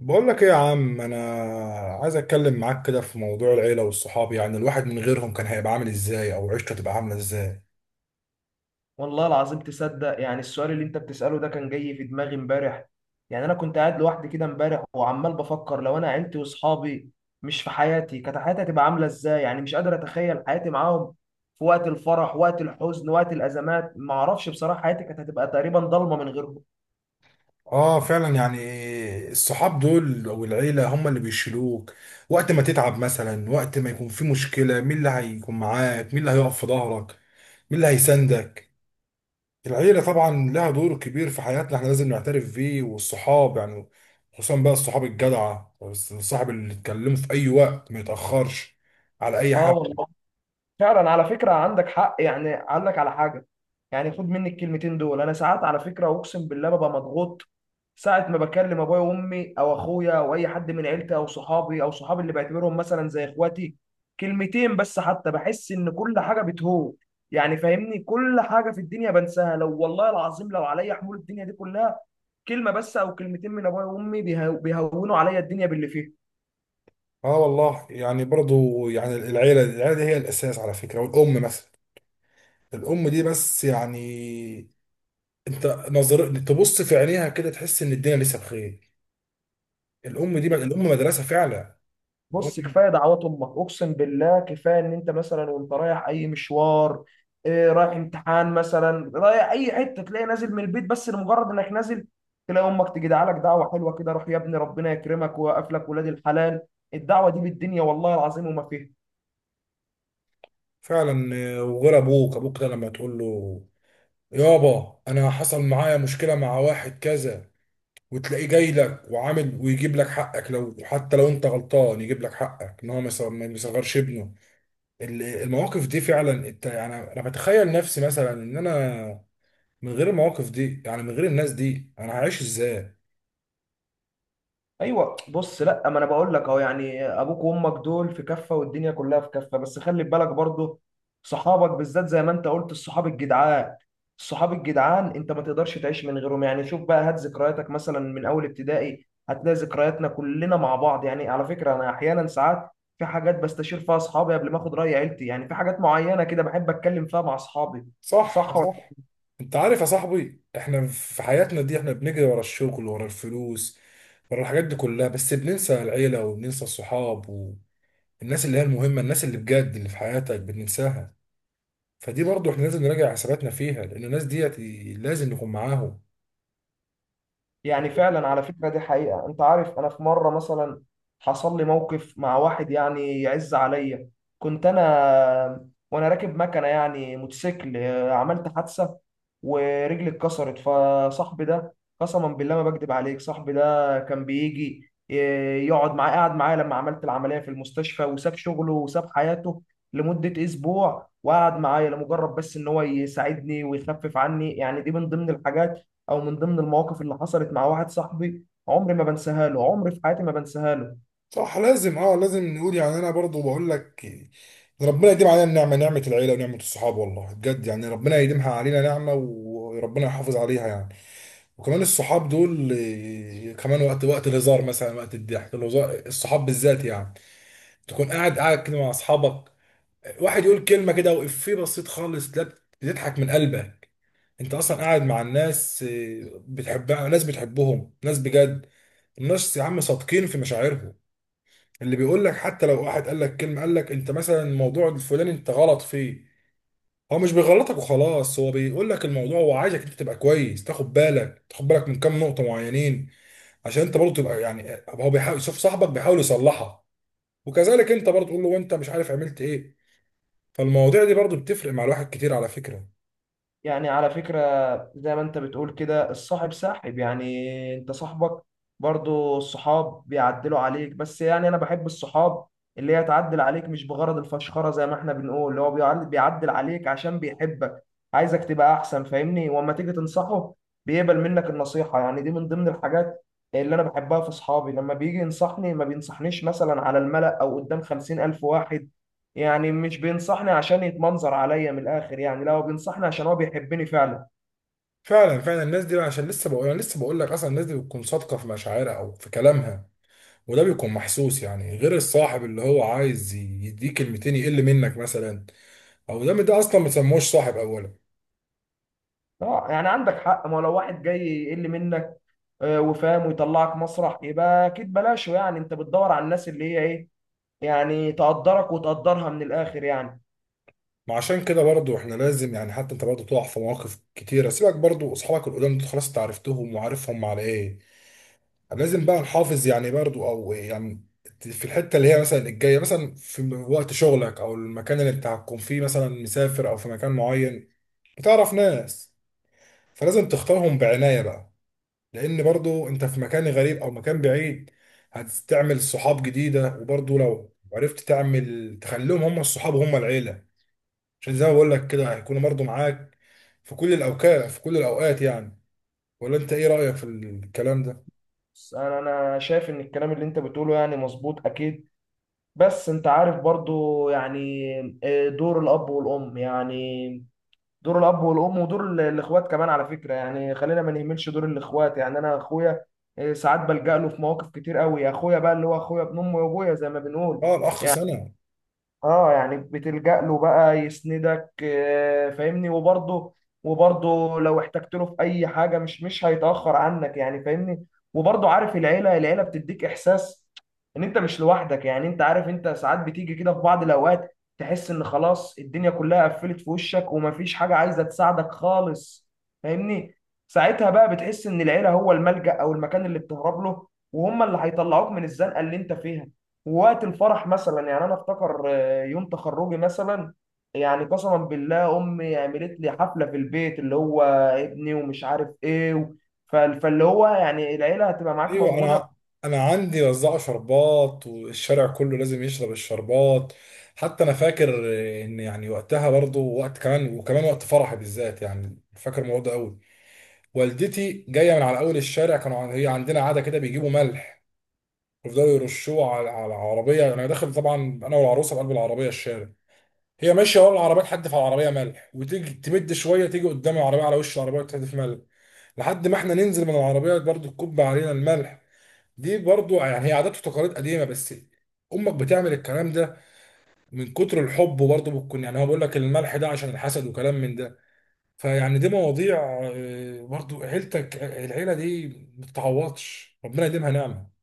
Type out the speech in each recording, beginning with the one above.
بقول لك ايه يا عم، انا عايز اتكلم معاك كده في موضوع العيله والصحاب. يعني الواحد من غيرهم كان هيبقى عامل ازاي، او عيشته تبقى عامله ازاي؟ والله العظيم تصدق؟ يعني السؤال اللي انت بتسأله ده كان جاي في دماغي امبارح. يعني انا كنت قاعد لوحدي كده امبارح وعمال بفكر، لو انا عيلتي واصحابي مش في حياتي كانت حياتي هتبقى عاملة ازاي؟ يعني مش قادر اتخيل حياتي معاهم في وقت الفرح، وقت الحزن، وقت الازمات. ما اعرفش بصراحة، حياتي كانت هتبقى تقريبا ضلمة من غيرهم. اه فعلا، يعني الصحاب دول او العيله هم اللي بيشيلوك وقت ما تتعب مثلا، وقت ما يكون في مشكله مين اللي هيكون معاك، مين اللي هيقف في ظهرك، مين اللي هيساندك. العيله طبعا لها دور كبير في حياتنا، احنا لازم نعترف بيه، والصحاب يعني خصوصا بقى الصحاب الجدعه، الصاحب اللي تكلمه في اي وقت ما يتاخرش على اي اه حاجه. والله، فعلا على فكرة عندك حق. يعني اقول لك على حاجة، يعني خد مني الكلمتين دول. انا ساعات على فكرة اقسم بالله ببقى مضغوط، ساعة ما بكلم ابويا وامي او اخويا او اي حد من عيلتي او صحابي او صحابي اللي بعتبرهم مثلا زي اخواتي، كلمتين بس حتى بحس ان كل حاجة بتهون. يعني فاهمني، كل حاجة في الدنيا بنساها، لو والله العظيم لو عليا حمول الدنيا دي كلها، كلمة بس او كلمتين من ابويا وامي بيهونوا عليا الدنيا باللي فيها. اه والله يعني برضو، يعني العيلة دي هي الأساس على فكرة. والأم مثلا، الأم دي بس يعني أنت نظر تبص في عينيها كده تحس إن الدنيا لسه بخير. الأم دي الأم مدرسة فعلا. بص، الأم كفايه دعوات امك، اقسم بالله، كفايه ان انت مثلا وانت رايح اي مشوار، إيه، رايح امتحان مثلا، رايح اي حته، تلاقي نازل من البيت، بس لمجرد انك نازل تلاقي امك تجي دعالك دعوه حلوه كده: روح يا ابني ربنا يكرمك ويوقف لك ولاد الحلال. الدعوه دي بالدنيا والله العظيم وما فيها. فعلا آه، وغير أبوك، أبوك ده لما تقول له يابا أنا حصل معايا مشكلة مع واحد كذا، وتلاقيه جاي لك وعامل ويجيب لك حقك، لو حتى لو أنت غلطان يجيب لك حقك، إن هو ما يصغرش ابنه. المواقف دي فعلا يعني انا بتخيل نفسي مثلا ان انا من غير المواقف دي، يعني من غير الناس دي انا هعيش ازاي؟ ايوه، بص، لا ما انا بقول لك اهو، يعني ابوك وامك دول في كفه والدنيا كلها في كفه، بس خلي بالك برضو صحابك بالذات. زي ما انت قلت الصحاب الجدعان، الصحاب الجدعان انت ما تقدرش تعيش من غيرهم. يعني شوف بقى، هات ذكرياتك مثلا من اول ابتدائي هتلاقي ذكرياتنا كلنا مع بعض. يعني على فكره، انا احيانا ساعات في حاجات بستشير فيها اصحابي قبل ما اخد راي عيلتي، يعني في حاجات معينه كده بحب اتكلم فيها مع اصحابي. صح، صح. صح. انت عارف يا صاحبي، احنا في حياتنا دي احنا بنجري ورا الشغل ورا الفلوس ورا الحاجات دي كلها، بس بننسى العيلة وبننسى الصحاب والناس اللي هي المهمة، الناس اللي بجد اللي في حياتك بننساها. فدي برضو احنا لازم نراجع حساباتنا فيها، لان الناس ديت لازم نكون معاهم. يعني فعلا على فكرة دي حقيقة، انت عارف انا في مرة مثلا حصل لي موقف مع واحد يعني يعز عليا. كنت انا وانا راكب مكنة، يعني موتوسيكل، عملت حادثة ورجلي اتكسرت، فصاحبي ده قسما بالله ما بكذب عليك، صاحبي ده كان بيجي يقعد معايا، قعد معايا لما عملت العملية في المستشفى، وساب شغله وساب حياته لمدة اسبوع، وقعد معايا لمجرد بس ان هو يساعدني ويخفف عني. يعني دي من ضمن الحاجات او من ضمن المواقف اللي حصلت مع واحد صاحبي، عمري ما بنساها له، عمري في حياتي ما بنساها له. صح لازم، اه لازم نقول. يعني انا برضو بقول لك، ده ربنا يديم علينا النعمه، نعمه العيله ونعمه الصحاب، والله بجد يعني ربنا يديمها علينا نعمه وربنا يحافظ عليها يعني. وكمان الصحاب دول آه، كمان وقت الهزار مثلا، وقت الضحك، الهزار الصحاب بالذات يعني، تكون قاعد كده مع اصحابك، واحد يقول كلمه كده وإفيه بسيط خالص، لا بتضحك من قلبك. انت اصلا قاعد مع الناس آه، بتحبها، ناس بتحبهم ناس بجد. الناس يا عم صادقين في مشاعرهم، اللي بيقول لك حتى لو واحد قال لك كلمه، قال لك انت مثلا الموضوع الفلاني انت غلط فيه، هو مش بيغلطك وخلاص، هو بيقول لك الموضوع، هو عايزك انت تبقى كويس، تاخد بالك من كام نقطه معينين، عشان انت برضه تبقى يعني. هو بيحاول يشوف صاحبك بيحاول يصلحها، وكذلك انت برضه تقول له انت مش عارف عملت ايه. فالمواضيع دي برضه بتفرق مع الواحد كتير على فكره. يعني على فكرة، زي ما انت بتقول كده الصاحب ساحب، يعني انت صاحبك برضو الصحاب بيعدلوا عليك. بس يعني انا بحب الصحاب اللي هي تعدل عليك مش بغرض الفشخرة، زي ما احنا بنقول، اللي هو بيعدل عليك عشان بيحبك، عايزك تبقى احسن، فاهمني. واما تيجي تنصحه بيقبل منك النصيحة، يعني دي من ضمن الحاجات اللي انا بحبها في صحابي، لما بيجي ينصحني ما بينصحنيش مثلا على الملأ او قدام 50,000 واحد، يعني مش بينصحني عشان يتمنظر عليا من الاخر. يعني لا، هو بينصحني عشان هو بيحبني فعلا. فعلا فعلا، الناس دي بقى عشان لسه بقول، انا لسه بقول لك اصلا الناس دي بتكون صادقه في مشاعرها او في كلامها، وده بيكون محسوس، يعني غير الصاحب اللي هو عايز يديك كلمتين يقل منك مثلا، او دام ده اصلا ما سموش صاحب اولا. اه يعني عندك حق، ما هو لو واحد جاي يقل منك وفاهم ويطلعك مسرح، يبقى اكيد بلاشه. يعني انت بتدور على الناس اللي هي ايه، يعني تقدرك وتقدرها من الاخر يعني. ما عشان كده برضو احنا لازم يعني، حتى انت برضو تقع في مواقف كتيره، سيبك برضو اصحابك القدام دول خلاص انت عرفتهم وعارفهم على ايه. لازم بقى نحافظ يعني برضو، او يعني في الحته اللي هي مثلا الجايه، مثلا في وقت شغلك او المكان اللي انت هتكون فيه مثلا مسافر، او في مكان معين بتعرف ناس، فلازم تختارهم بعنايه بقى، لان برضو انت في مكان غريب او مكان بعيد هتعمل صحاب جديده. وبرضو لو عرفت تعمل تخليهم هم الصحاب وهم العيله، عشان زي ما بقول لك كده هيكونوا برضه معاك في كل الاوقات، في كل الاوقات يعني. ولا انت ايه رايك في الكلام ده؟ بس انا شايف ان الكلام اللي انت بتقوله يعني مظبوط اكيد، بس انت عارف برضو، يعني دور الاب والام. يعني دور الاب والام، ودور الاخوات كمان على فكره. يعني خلينا ما نهملش دور الاخوات، يعني انا اخويا، ساعات بلجأ له في مواقف كتير قوي، اخويا بقى اللي هو اخويا ابن امي وابويا زي ما بنقول. اه الاخ سنه. اه يعني بتلجأ له بقى يسندك، فاهمني. وبرضه لو احتجت له في اي حاجه، مش هيتأخر عنك، يعني فاهمني. وبرضه عارف العيله، العيله بتديك احساس ان انت مش لوحدك. يعني انت عارف، انت ساعات بتيجي كده في بعض الاوقات تحس ان خلاص الدنيا كلها قفلت في وشك، ومفيش حاجه عايزه تساعدك خالص، فاهمني. ساعتها بقى بتحس ان العيله هو الملجأ او المكان اللي بتهرب له، وهم اللي هيطلعوك من الزنقه اللي انت فيها. ووقت الفرح مثلا، يعني انا افتكر، يوم تخرجي مثلا، يعني قسما بالله امي عملت لي حفله في البيت، اللي هو ابني ومش عارف ايه فاللي هو، يعني العيله هتبقى معاك ايوه موجوده. انا عندي وزعوا شربات والشارع كله لازم يشرب الشربات. حتى انا فاكر ان يعني وقتها برضه، وقت كمان وكمان وقت فرحي بالذات، يعني فاكر الموضوع ده قوي. والدتي جايه من على اول الشارع، هي عندنا عاده كده بيجيبوا ملح ويفضلوا يرشوه على العربيه. انا داخل طبعا انا والعروسه بقلب العربيه الشارع، هي ماشيه ورا العربيه تحدف على العربيه ملح، وتيجي تمد شويه تيجي قدام العربيه على وش العربيه وتحدف ملح، لحد ما احنا ننزل من العربيه برضو تكب علينا الملح. دي برضو يعني هي عادات وتقاليد قديمه، بس امك بتعمل الكلام ده من كتر الحب برضو، بتكون يعني هو بيقول لك الملح ده عشان الحسد وكلام من ده. فيعني دي مواضيع آه، برضو عيلتك العيله دي ما بتتعوضش، ربنا يديمها نعمه.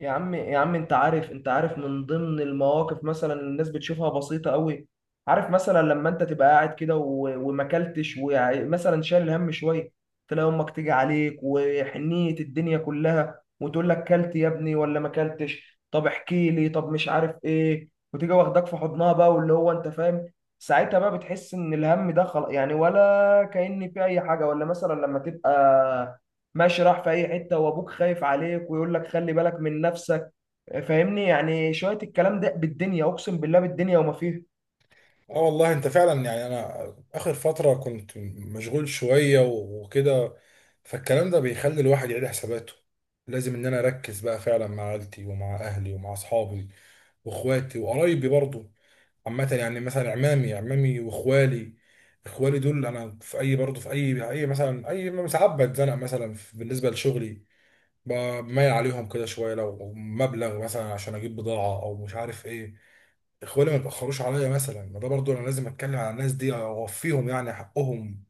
يا عم، يا عم انت عارف، انت عارف من ضمن المواقف مثلا الناس بتشوفها بسيطة قوي، عارف مثلا لما انت تبقى قاعد كده وماكلتش، ومثلا شايل هم شوية، تلاقي امك تيجي عليك وحنية الدنيا كلها وتقول لك: كلت يا ابني ولا ما كلتش؟ طب احكي لي، طب مش عارف ايه، وتيجي واخداك في حضنها بقى، واللي هو انت فاهم. ساعتها بقى بتحس ان الهم ده خلاص، يعني ولا كأن في اي حاجة. ولا مثلا لما تبقى ماشي راح في اي حته وابوك خايف عليك ويقول لك خلي بالك من نفسك، فاهمني، يعني شويه الكلام ده بالدنيا اقسم بالله، بالدنيا وما فيها. اه والله انت فعلا يعني، انا اخر فترة كنت مشغول شوية وكده، فالكلام ده بيخلي الواحد يعيد حساباته. لازم ان انا اركز بقى فعلا مع عيلتي ومع اهلي ومع اصحابي واخواتي وقرايبي برضو. عامة يعني مثلا عمامي واخوالي، اخوالي دول انا في اي برضو في اي مثلا ساعات بتزنق مثلا بالنسبة لشغلي بميل عليهم كده شوية لو مبلغ مثلا عشان اجيب بضاعة او مش عارف ايه، اخواني ما يتاخروش عليا مثلا. ما ده برضو انا لازم اتكلم على الناس دي اوفيهم يعني حقهم.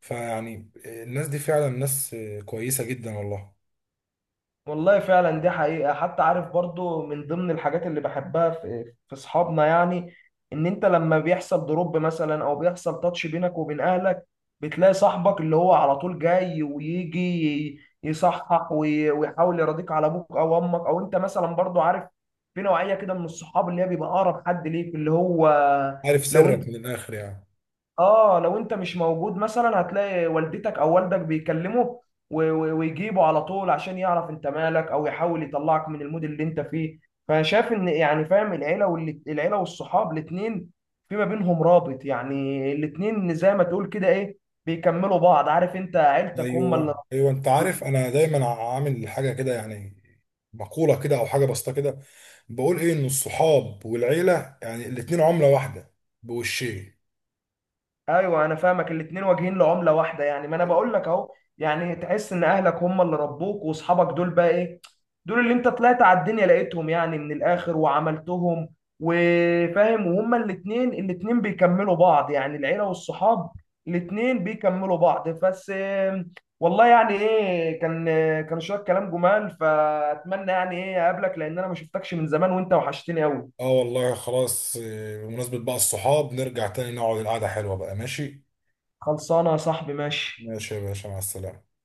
فيعني الناس دي فعلا ناس كويسه جدا والله. والله فعلا دي حقيقه. حتى عارف برضو، من ضمن الحاجات اللي بحبها في اصحابنا، يعني ان انت لما بيحصل دروب مثلا، او بيحصل تاتش بينك وبين اهلك، بتلاقي صاحبك اللي هو على طول جاي، ويجي يصحح ويحاول يراضيك على ابوك او امك، او انت مثلا برضو عارف. في نوعيه كده من الصحاب اللي هي بيبقى اقرب حد ليك، اللي هو عارف لو سرك انت من الاخر يعني. اه لو انت مش موجود مثلا، هتلاقي والدتك او والدك بيكلمه، ويجيبه على طول عشان يعرف انت مالك، او يحاول يطلعك من المود اللي انت فيه. فشاف ان يعني فاهم، العيله والصحاب، الاثنين في ما بينهم رابط، يعني الاثنين زي ما تقول كده ايه، بيكملوا بعض. عارف انت عيلتك هم اللي ايوه ايوه، انت عارف انا دايما عامل حاجه كده يعني، مقوله كده او حاجه بسيطه كده، بقول ايه ان الصحاب والعيله يعني الاتنين عمله واحده بوشين. ايوه، انا فاهمك. الاتنين واجهين لعمله واحده، يعني ما انا بقول لك اهو، يعني تحس ان اهلك هم اللي ربوك، واصحابك دول بقى ايه، دول اللي انت طلعت على الدنيا لقيتهم يعني، من الاخر وعملتهم. وفاهم، وهما الاتنين، الاتنين بيكملوا بعض، يعني العيله والصحاب الاتنين بيكملوا بعض. بس والله يعني ايه، كان شويه كلام جمال. فاتمنى يعني ايه اقابلك، لان انا ما شفتكش من زمان وانت وحشتني قوي. اه والله خلاص آه، بمناسبه بقى الصحاب نرجع تاني نقعد القعده حلوه بقى، ماشي. خلصانه يا صاحبي ماشي. ماشي يا باشا، مع السلامه.